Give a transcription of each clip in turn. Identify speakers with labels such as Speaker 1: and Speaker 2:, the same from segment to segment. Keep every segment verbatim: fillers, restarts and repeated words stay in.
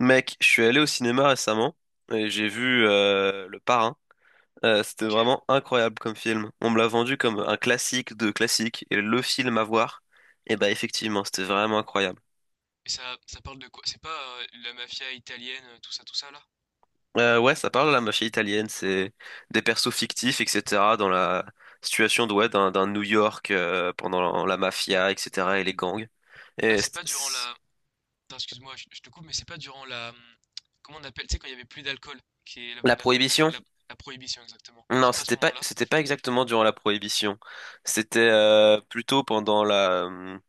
Speaker 1: Mec, je suis allé au cinéma récemment et j'ai vu euh, Le Parrain. Euh, c'était
Speaker 2: Ok.
Speaker 1: vraiment incroyable comme film. On me l'a vendu comme un classique de classique et le film à voir. Et bah effectivement, c'était vraiment incroyable.
Speaker 2: Et ça, ça parle de quoi? C'est pas euh, la mafia italienne, euh, tout ça, tout ça là?
Speaker 1: Euh, ouais, ça parle de la mafia italienne, c'est des persos fictifs, et cetera dans la situation de, ouais, d'un d'un New York euh, pendant la mafia, et cetera et les gangs.
Speaker 2: Ah,
Speaker 1: Et
Speaker 2: c'est
Speaker 1: c'est-
Speaker 2: pas durant
Speaker 1: c'est-
Speaker 2: la. Attends, excuse-moi, je, je te coupe, mais c'est pas durant la. hum, Comment on appelle? Tu sais, quand il y avait plus d'alcool, qui est la
Speaker 1: la
Speaker 2: vente d'alcool, était int-
Speaker 1: prohibition?
Speaker 2: la, la prohibition exactement.
Speaker 1: Non,
Speaker 2: C'est pas à
Speaker 1: c'était
Speaker 2: ce
Speaker 1: pas,
Speaker 2: moment-là?
Speaker 1: c'était pas exactement durant la prohibition. C'était euh, plutôt pendant la hum,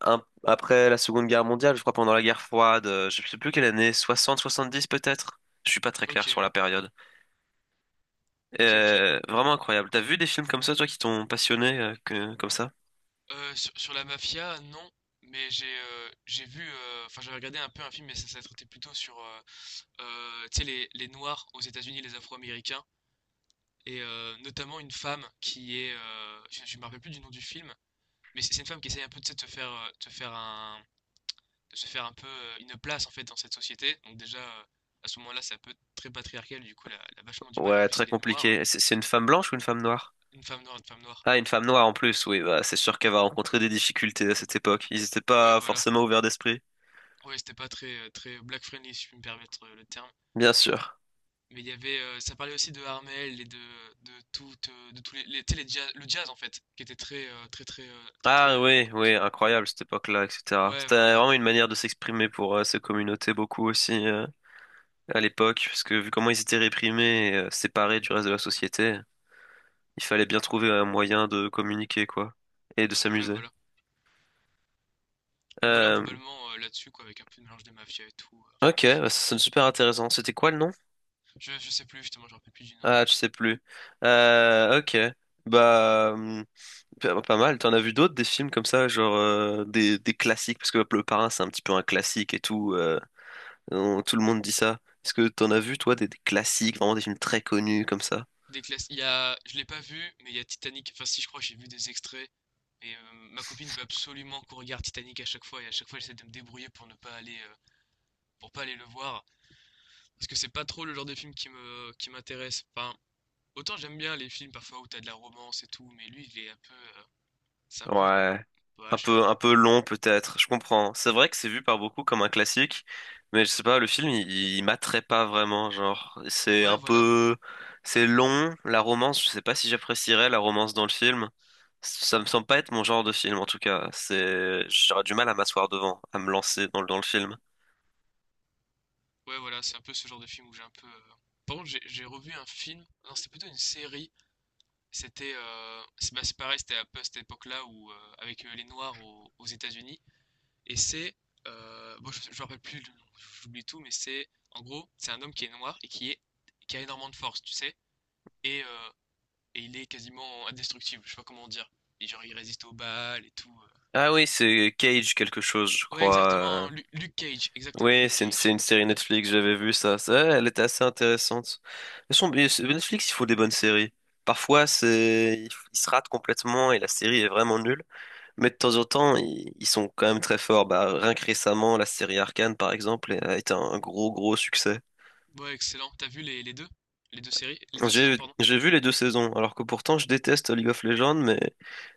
Speaker 1: un- après la Seconde Guerre mondiale, je crois pendant la guerre froide, euh, je sais plus quelle année, soixante soixante-dix peut-être? Je suis pas très clair
Speaker 2: Ok,
Speaker 1: sur la période.
Speaker 2: ok, ok.
Speaker 1: Euh, vraiment incroyable. T'as vu des films comme ça, toi, qui t'ont passionné, euh, que- comme ça?
Speaker 2: Euh, sur, sur la mafia, non. Mais j'ai euh, j'ai vu, euh, enfin j'avais regardé un peu un film, mais ça, ça traitait plutôt sur, euh, euh, tu sais, les, les Noirs aux États-Unis, les Afro-Américains. Et euh, notamment une femme qui est, euh, je, je me rappelle plus du nom du film, mais c'est c'est une femme qui essaye un peu tu sais, de se faire, euh, de faire un, de se faire un peu euh, une place en fait dans cette société. Donc déjà euh, à ce moment-là, c'est un peu très patriarcal, du coup, elle a, elle a vachement du mal. En
Speaker 1: Ouais,
Speaker 2: plus,
Speaker 1: très
Speaker 2: elle est noire,
Speaker 1: compliqué. C'est c'est une femme blanche ou une femme noire?
Speaker 2: une femme noire, une femme noire.
Speaker 1: Ah, une femme noire en plus, oui, bah, c'est sûr qu'elle va rencontrer des difficultés à cette époque. Ils n'étaient
Speaker 2: Ouais,
Speaker 1: pas
Speaker 2: voilà.
Speaker 1: forcément ouverts d'esprit.
Speaker 2: Ouais, c'était pas très euh, très black friendly si je puis me permettre euh, le terme.
Speaker 1: Bien sûr.
Speaker 2: Mais il y avait, euh, ça parlait aussi de Harmel et de de toute, euh, de tous les, les, tu sais, les jazz- le jazz en fait, qui était très euh, très très euh, très très
Speaker 1: Ah
Speaker 2: euh,
Speaker 1: oui,
Speaker 2: comment
Speaker 1: oui,
Speaker 2: dire. euh,
Speaker 1: incroyable cette époque-là, et cetera.
Speaker 2: Ouais,
Speaker 1: C'était
Speaker 2: voilà.
Speaker 1: vraiment une manière de s'exprimer pour euh, ces communautés beaucoup aussi euh, à l'époque, parce que vu comment ils étaient réprimés et euh, séparés du reste de la société, il fallait bien trouver un moyen de communiquer, quoi, et de
Speaker 2: Ouais,
Speaker 1: s'amuser.
Speaker 2: voilà. Donc voilà,
Speaker 1: Euh,
Speaker 2: globalement, euh, là-dessus, quoi, avec un peu de mélange des mafias et tout. euh, Enfin
Speaker 1: ok,
Speaker 2: bref.
Speaker 1: bah, ça sonne super intéressant. C'était quoi le nom?
Speaker 2: Je, je sais plus, justement, je me rappelle plus du nom.
Speaker 1: Ah, je sais plus. Euh, ok, bah hum, pas pas mal. T'en as vu d'autres des films comme ça, genre euh, des, des classiques, parce que Le Parrain c'est un petit peu un classique et tout. Euh, On- tout le monde dit ça. Est-ce que t'en as vu, toi, des, des classiques, vraiment des films très connus comme ça?
Speaker 2: Des classes. Il y a. Je l'ai pas vu, mais il y a Titanic. Enfin, si, je crois, j'ai vu des extraits. Et euh, ma copine veut absolument qu'on regarde Titanic à chaque fois. Et à chaque fois, j'essaie de me débrouiller pour ne pas aller. Euh, pour pas aller le voir. Parce que c'est pas trop le genre de film qui me, qui m'intéresse. Enfin, autant j'aime bien les films parfois où t'as de la romance et tout. Mais lui, il est un peu. euh, C'est un peu.
Speaker 1: Ouais.
Speaker 2: Ouais,
Speaker 1: Un
Speaker 2: je sais
Speaker 1: peu, un
Speaker 2: pas.
Speaker 1: peu long peut-être, je comprends. C'est vrai que c'est vu par beaucoup comme un classique, mais je sais pas, le film, il, il m'attrait pas vraiment, genre. C'est
Speaker 2: Ouais,
Speaker 1: un
Speaker 2: voilà.
Speaker 1: peu. C'est long, la romance, je sais pas si j'apprécierais la romance dans le film. Ça me semble pas être mon genre de film, en tout cas. C'est... J'aurais du mal à m'asseoir devant, à me lancer dans, le- dans le film.
Speaker 2: Ouais, voilà. C'est un peu ce genre de film où j'ai un peu. euh, Par contre, j'ai j'ai revu un film. Non, c'était plutôt une série. C'était euh, c'est bah, c'est pareil, c'était un peu à cette époque-là où euh, avec euh, les Noirs au- aux États-Unis. Et c'est euh, bon, je, je me rappelle plus, le nom, j'oublie tout, mais c'est en gros c'est un homme qui est noir et qui est qui a énormément de force, tu sais, et, euh, et il est quasiment indestructible. Je sais pas comment dire. Et genre il résiste aux balles et tout.
Speaker 1: Ah oui, c'est Cage quelque chose, je
Speaker 2: euh. Ouais, exactement.
Speaker 1: crois.
Speaker 2: Lu- Luke Cage, exactement.
Speaker 1: Oui,
Speaker 2: Luke
Speaker 1: c'est une, c'est
Speaker 2: Cage.
Speaker 1: une série Netflix, j'avais vu ça. Ça, elle était assez intéressante. Mais son- mais c'est- Netflix, il faut des bonnes séries. Parfois, c'est, ils ils se ratent complètement et la série est vraiment nulle. Mais de temps en temps, ils, ils sont quand même très forts. Bah, rien que récemment, la série Arcane, par exemple, a été un gros, gros succès.
Speaker 2: Ouais, excellent. T'as vu les, les deux? Les deux séries? Les deux saisons,
Speaker 1: J'ai,
Speaker 2: pardon?
Speaker 1: j'ai vu les deux saisons, alors que pourtant, je déteste League of Legends, mais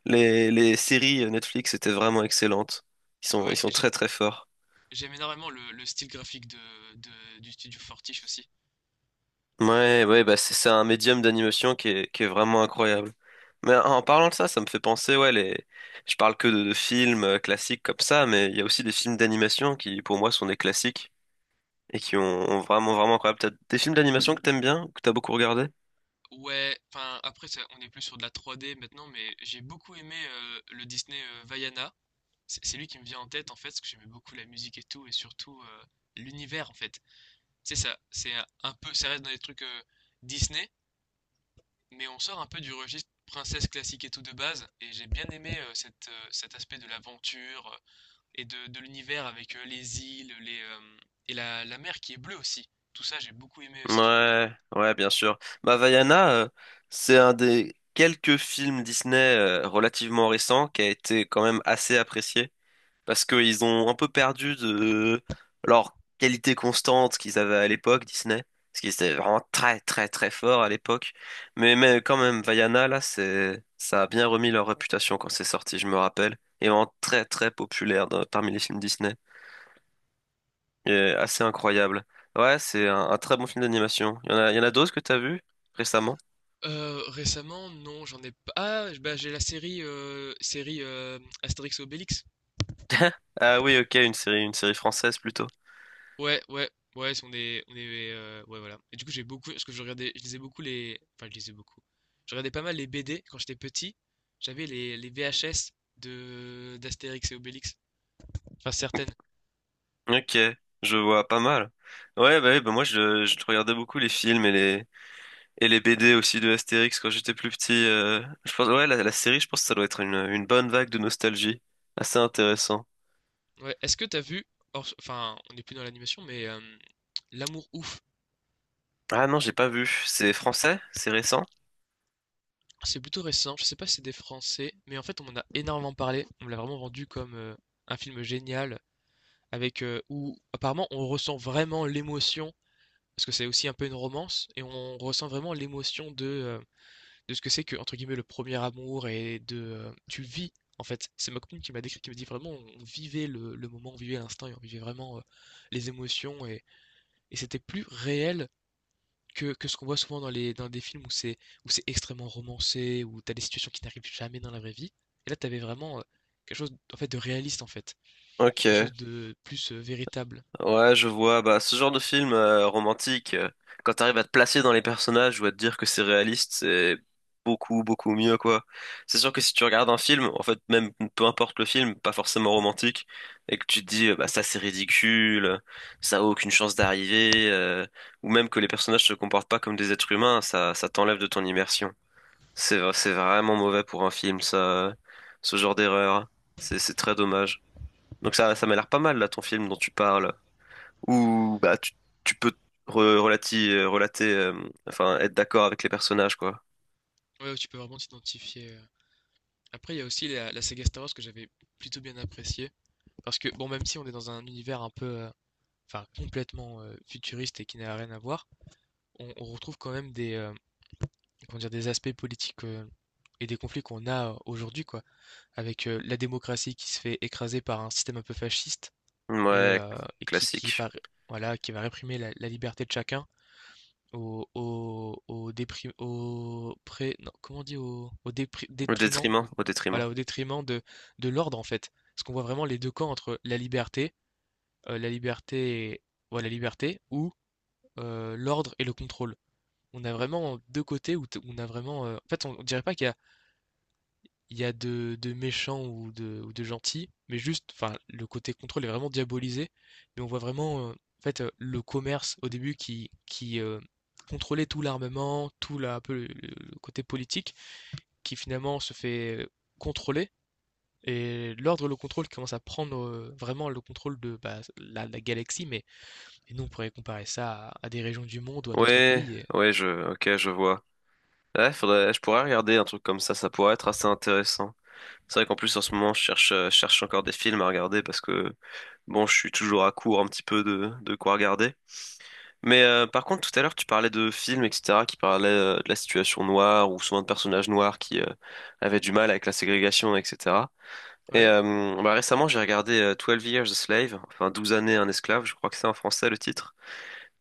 Speaker 1: les, les séries Netflix étaient vraiment excellentes. Ils sont, ils
Speaker 2: Ouais,
Speaker 1: sont
Speaker 2: et j'ai-
Speaker 1: très, très forts.
Speaker 2: j'aime énormément le, le style graphique de, de- du studio Fortiche aussi.
Speaker 1: Ouais, ouais, bah c'est c'est un médium d'animation qui est, qui est vraiment incroyable. Mais en parlant de ça, ça me fait penser, ouais, les... je parle que de, de films euh, classiques comme ça, mais il y a aussi des films d'animation qui, pour moi, sont des classiques et qui ont, ont vraiment, vraiment incroyable. T'as des films d'animation que t'aimes bien, que t'as beaucoup regardé?
Speaker 2: Ouais, enfin après ça, on est plus sur de la trois D maintenant, mais j'ai beaucoup aimé euh, le Disney euh, Vaiana. C'est c'est lui qui me vient en tête en fait, parce que j'aimais beaucoup la musique et tout, et surtout euh, l'univers en fait. C'est ça, c'est un un peu, ça reste dans les trucs euh, Disney, mais on sort un peu du registre princesse classique et tout de base, et j'ai bien aimé euh, cette, euh, cet aspect de l'aventure euh, et de, de l'univers avec euh, les îles, les, euh, et la, la mer qui est bleue aussi. Tout ça, j'ai beaucoup aimé euh, cet univers.
Speaker 1: Ouais, ouais, bien sûr. Bah, Vaiana, euh, c'est un des quelques films Disney euh, relativement récents qui a été quand même assez apprécié. Parce qu'ils ont un peu perdu de leur qualité constante qu'ils avaient à l'époque, Disney, parce qu'ils étaient vraiment très très très forts à l'époque. Mais, mais quand même, Vaiana, là, c'est, ça a bien remis leur réputation quand c'est sorti, je me rappelle, et vraiment très très populaire dans- parmi les films Disney, et assez incroyable. Ouais, c'est un, un très bon film d'animation. Il y en a, il y en a d'autres que t'as vu récemment?
Speaker 2: Heu, récemment, non, j'en ai pas ah, bah, j'ai la série, heu, série, heu, Astérix et Obélix.
Speaker 1: Ah oui, ok, une série, une série française plutôt.
Speaker 2: Ouais, ouais, ouais, si on est on est, heu, ouais, voilà et du coup, j'ai beaucoup parce que je regardais je lisais beaucoup les enfin, je lisais beaucoup. Je regardais pas mal les B D quand j'étais petit. J'avais les les V H S de d'Astérix et Obélix, enfin certaines.
Speaker 1: Ok, je vois pas mal. Ouais, bah, oui, bah moi je, je regardais beaucoup les films et les, Et les B D aussi de Astérix quand j'étais plus petit. euh, Je pense, ouais, la, la série, je pense que ça doit être une, une bonne vague de nostalgie. Assez intéressant.
Speaker 2: Ouais. Est-ce que t'as vu, hors- enfin, on n'est plus dans l'animation, mais euh, L'amour ouf,
Speaker 1: Ah non, j'ai pas vu. C'est français? C'est récent?
Speaker 2: c'est plutôt récent. Je sais pas si c'est des Français, mais en fait, on en a énormément parlé. On me l'a vraiment vendu comme euh, un film génial, avec euh, où apparemment on ressent vraiment l'émotion, parce que c'est aussi un peu une romance, et on ressent vraiment l'émotion de euh, de ce que c'est que entre guillemets le premier amour et de euh, tu vis. En fait, c'est ma copine qui m'a décrit, qui me dit vraiment, on vivait le, le moment, on vivait l'instant, et on vivait vraiment euh, les émotions, et, et c'était plus réel que, que ce qu'on voit souvent dans les, dans des films où c'est où c'est extrêmement romancé, où t'as des situations qui n'arrivent jamais dans la vraie vie. Et là, t'avais vraiment euh, quelque chose en fait de réaliste en fait, quelque
Speaker 1: Ok.
Speaker 2: chose de plus euh, véritable.
Speaker 1: Ouais, je vois. Bah, ce genre de film euh, romantique, euh, quand t'arrives à te placer dans les personnages ou à te dire que c'est réaliste, c'est beaucoup, beaucoup mieux, quoi. C'est sûr que si tu regardes un film, en fait, même peu importe le film, pas forcément romantique, et que tu te dis, euh, bah, ça c'est ridicule, euh, ça a aucune chance d'arriver, euh, ou même que les personnages se comportent pas comme des êtres humains, ça, ça t'enlève de ton immersion. C'est, v- c'est vraiment mauvais pour un film, ça, ce genre d'erreur. C'est, c'est très dommage. Donc ça, ça m'a l'air pas mal, là, ton film dont tu parles où bah tu, tu peux re- relati- euh, relater, euh, enfin être d'accord avec les personnages quoi.
Speaker 2: Ouais, tu peux vraiment t'identifier. euh. Après, il y a aussi la, la saga Star Wars que j'avais plutôt bien appréciée. Parce que, bon, même si on est dans un univers un peu, euh, enfin, complètement euh, futuriste et qui n'a rien à voir, on, on retrouve quand même des, euh, comment dire, des aspects politiques euh, et des conflits qu'on a euh, aujourd'hui, quoi, avec euh, la démocratie qui se fait écraser par un système un peu fasciste et,
Speaker 1: Ouais,
Speaker 2: euh, et qui, qui,
Speaker 1: classique.
Speaker 2: par- voilà, qui va réprimer la, la liberté de chacun au, au, au, déprim- au pré- non, comment on dit, au, au dépri-
Speaker 1: Au
Speaker 2: détriment,
Speaker 1: détriment,
Speaker 2: au-
Speaker 1: au détriment.
Speaker 2: voilà, au détriment de, de l'ordre, en fait. Parce qu'on voit vraiment les deux camps entre la liberté, euh, la liberté, et- ouais, la liberté ou euh, l'ordre et le contrôle. On a vraiment deux côtés où t- où on a vraiment. euh, En fait, on on dirait pas qu'il y a il y a de, de méchants ou de, ou de gentils, mais juste, enfin, le côté contrôle est vraiment diabolisé. Mais on voit vraiment, euh, en fait, euh, le commerce au début qui, qui euh, contrôlait tout l'armement, tout la, un peu le, le côté politique, qui finalement se fait euh, contrôler. Et l'ordre, le contrôle qui commence à prendre euh, vraiment le contrôle de bah, la, la galaxie, mais et nous on pourrait comparer ça à, à des régions du monde ou à d'autres
Speaker 1: Ouais,
Speaker 2: pays. et-
Speaker 1: ouais, je, ok, je vois. Ouais, faudrait, je pourrais regarder un truc comme ça, ça pourrait être assez intéressant. C'est vrai qu'en plus en ce moment je cherche, euh, je cherche encore des films à regarder parce que bon, je suis toujours à court un petit peu de, de quoi regarder. Mais euh, par contre, tout à l'heure, tu parlais de films, et cetera, qui parlaient euh, de la situation noire ou souvent de personnages noirs qui euh, avaient du mal avec la ségrégation, et cetera. Et
Speaker 2: Ouais,
Speaker 1: euh, bah, récemment, j'ai regardé euh, twelve Years a Slave, enfin Douze années un esclave, je crois que c'est en français le titre.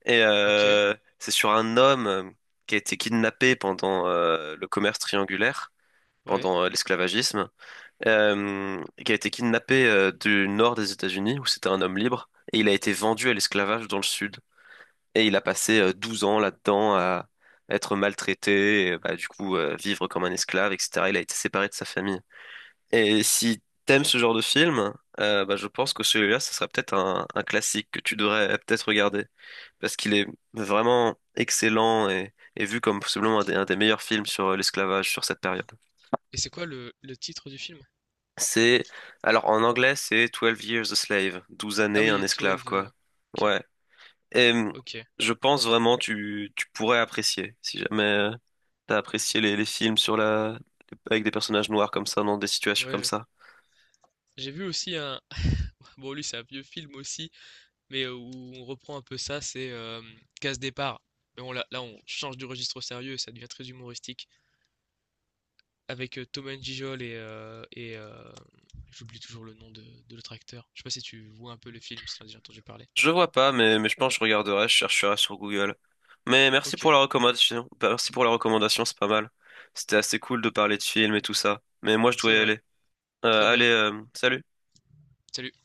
Speaker 1: Et
Speaker 2: ok,
Speaker 1: euh, c'est sur un homme euh, qui a été kidnappé pendant euh, le commerce triangulaire,
Speaker 2: ouais.
Speaker 1: pendant euh, l'esclavagisme, euh, qui a été kidnappé euh, du nord des États-Unis, où c'était un homme libre, et il a été vendu à l'esclavage dans le sud. Et il a passé euh, douze ans là-dedans à être maltraité, et, bah, du coup euh, vivre comme un esclave, et cetera. Il a été séparé de sa famille. Et si t'aimes ce genre de film, euh, bah, je pense que celui-là, ce sera peut-être un, un classique que tu devrais peut-être regarder. Parce qu'il est vraiment excellent et, et vu comme possiblement un des, un des meilleurs films sur euh, l'esclavage sur cette période.
Speaker 2: Et c'est quoi le, le titre du film?
Speaker 1: C'est, alors en anglais, c'est Twelve Years a Slave, Douze
Speaker 2: Ah
Speaker 1: années un
Speaker 2: oui,
Speaker 1: esclave,
Speaker 2: douze. euh,
Speaker 1: quoi.
Speaker 2: Ok,
Speaker 1: Ouais. Et hum,
Speaker 2: ok.
Speaker 1: je pense vraiment tu, tu pourrais apprécier, si jamais euh, t'as apprécié les, les films sur la, avec des personnages noirs comme ça, dans des situations
Speaker 2: Ouais,
Speaker 1: comme
Speaker 2: je-
Speaker 1: ça.
Speaker 2: j'ai vu aussi un. Bon, lui, c'est un vieux film aussi, mais euh, où on reprend un peu ça, c'est euh, Casse Départ. Mais on, là, là, on change du registre au sérieux, ça devient très humoristique. Avec euh, Thomas Gijol et. euh, et euh, j'oublie toujours le nom de, de l'autre acteur. Je sais pas si tu vois un peu le film, si t'en as déjà entendu parler.
Speaker 1: Je vois pas, mais, mais je pense que je regarderai, je chercherai sur Google. Mais merci
Speaker 2: Ok,
Speaker 1: pour la recommandation. Bah, merci pour la recommandation, c'est pas mal. C'était assez cool de parler de films et tout ça. Mais moi, je dois
Speaker 2: c'est
Speaker 1: y
Speaker 2: vrai.
Speaker 1: aller.
Speaker 2: Très
Speaker 1: Euh, allez,
Speaker 2: bien.
Speaker 1: euh, salut.
Speaker 2: Salut.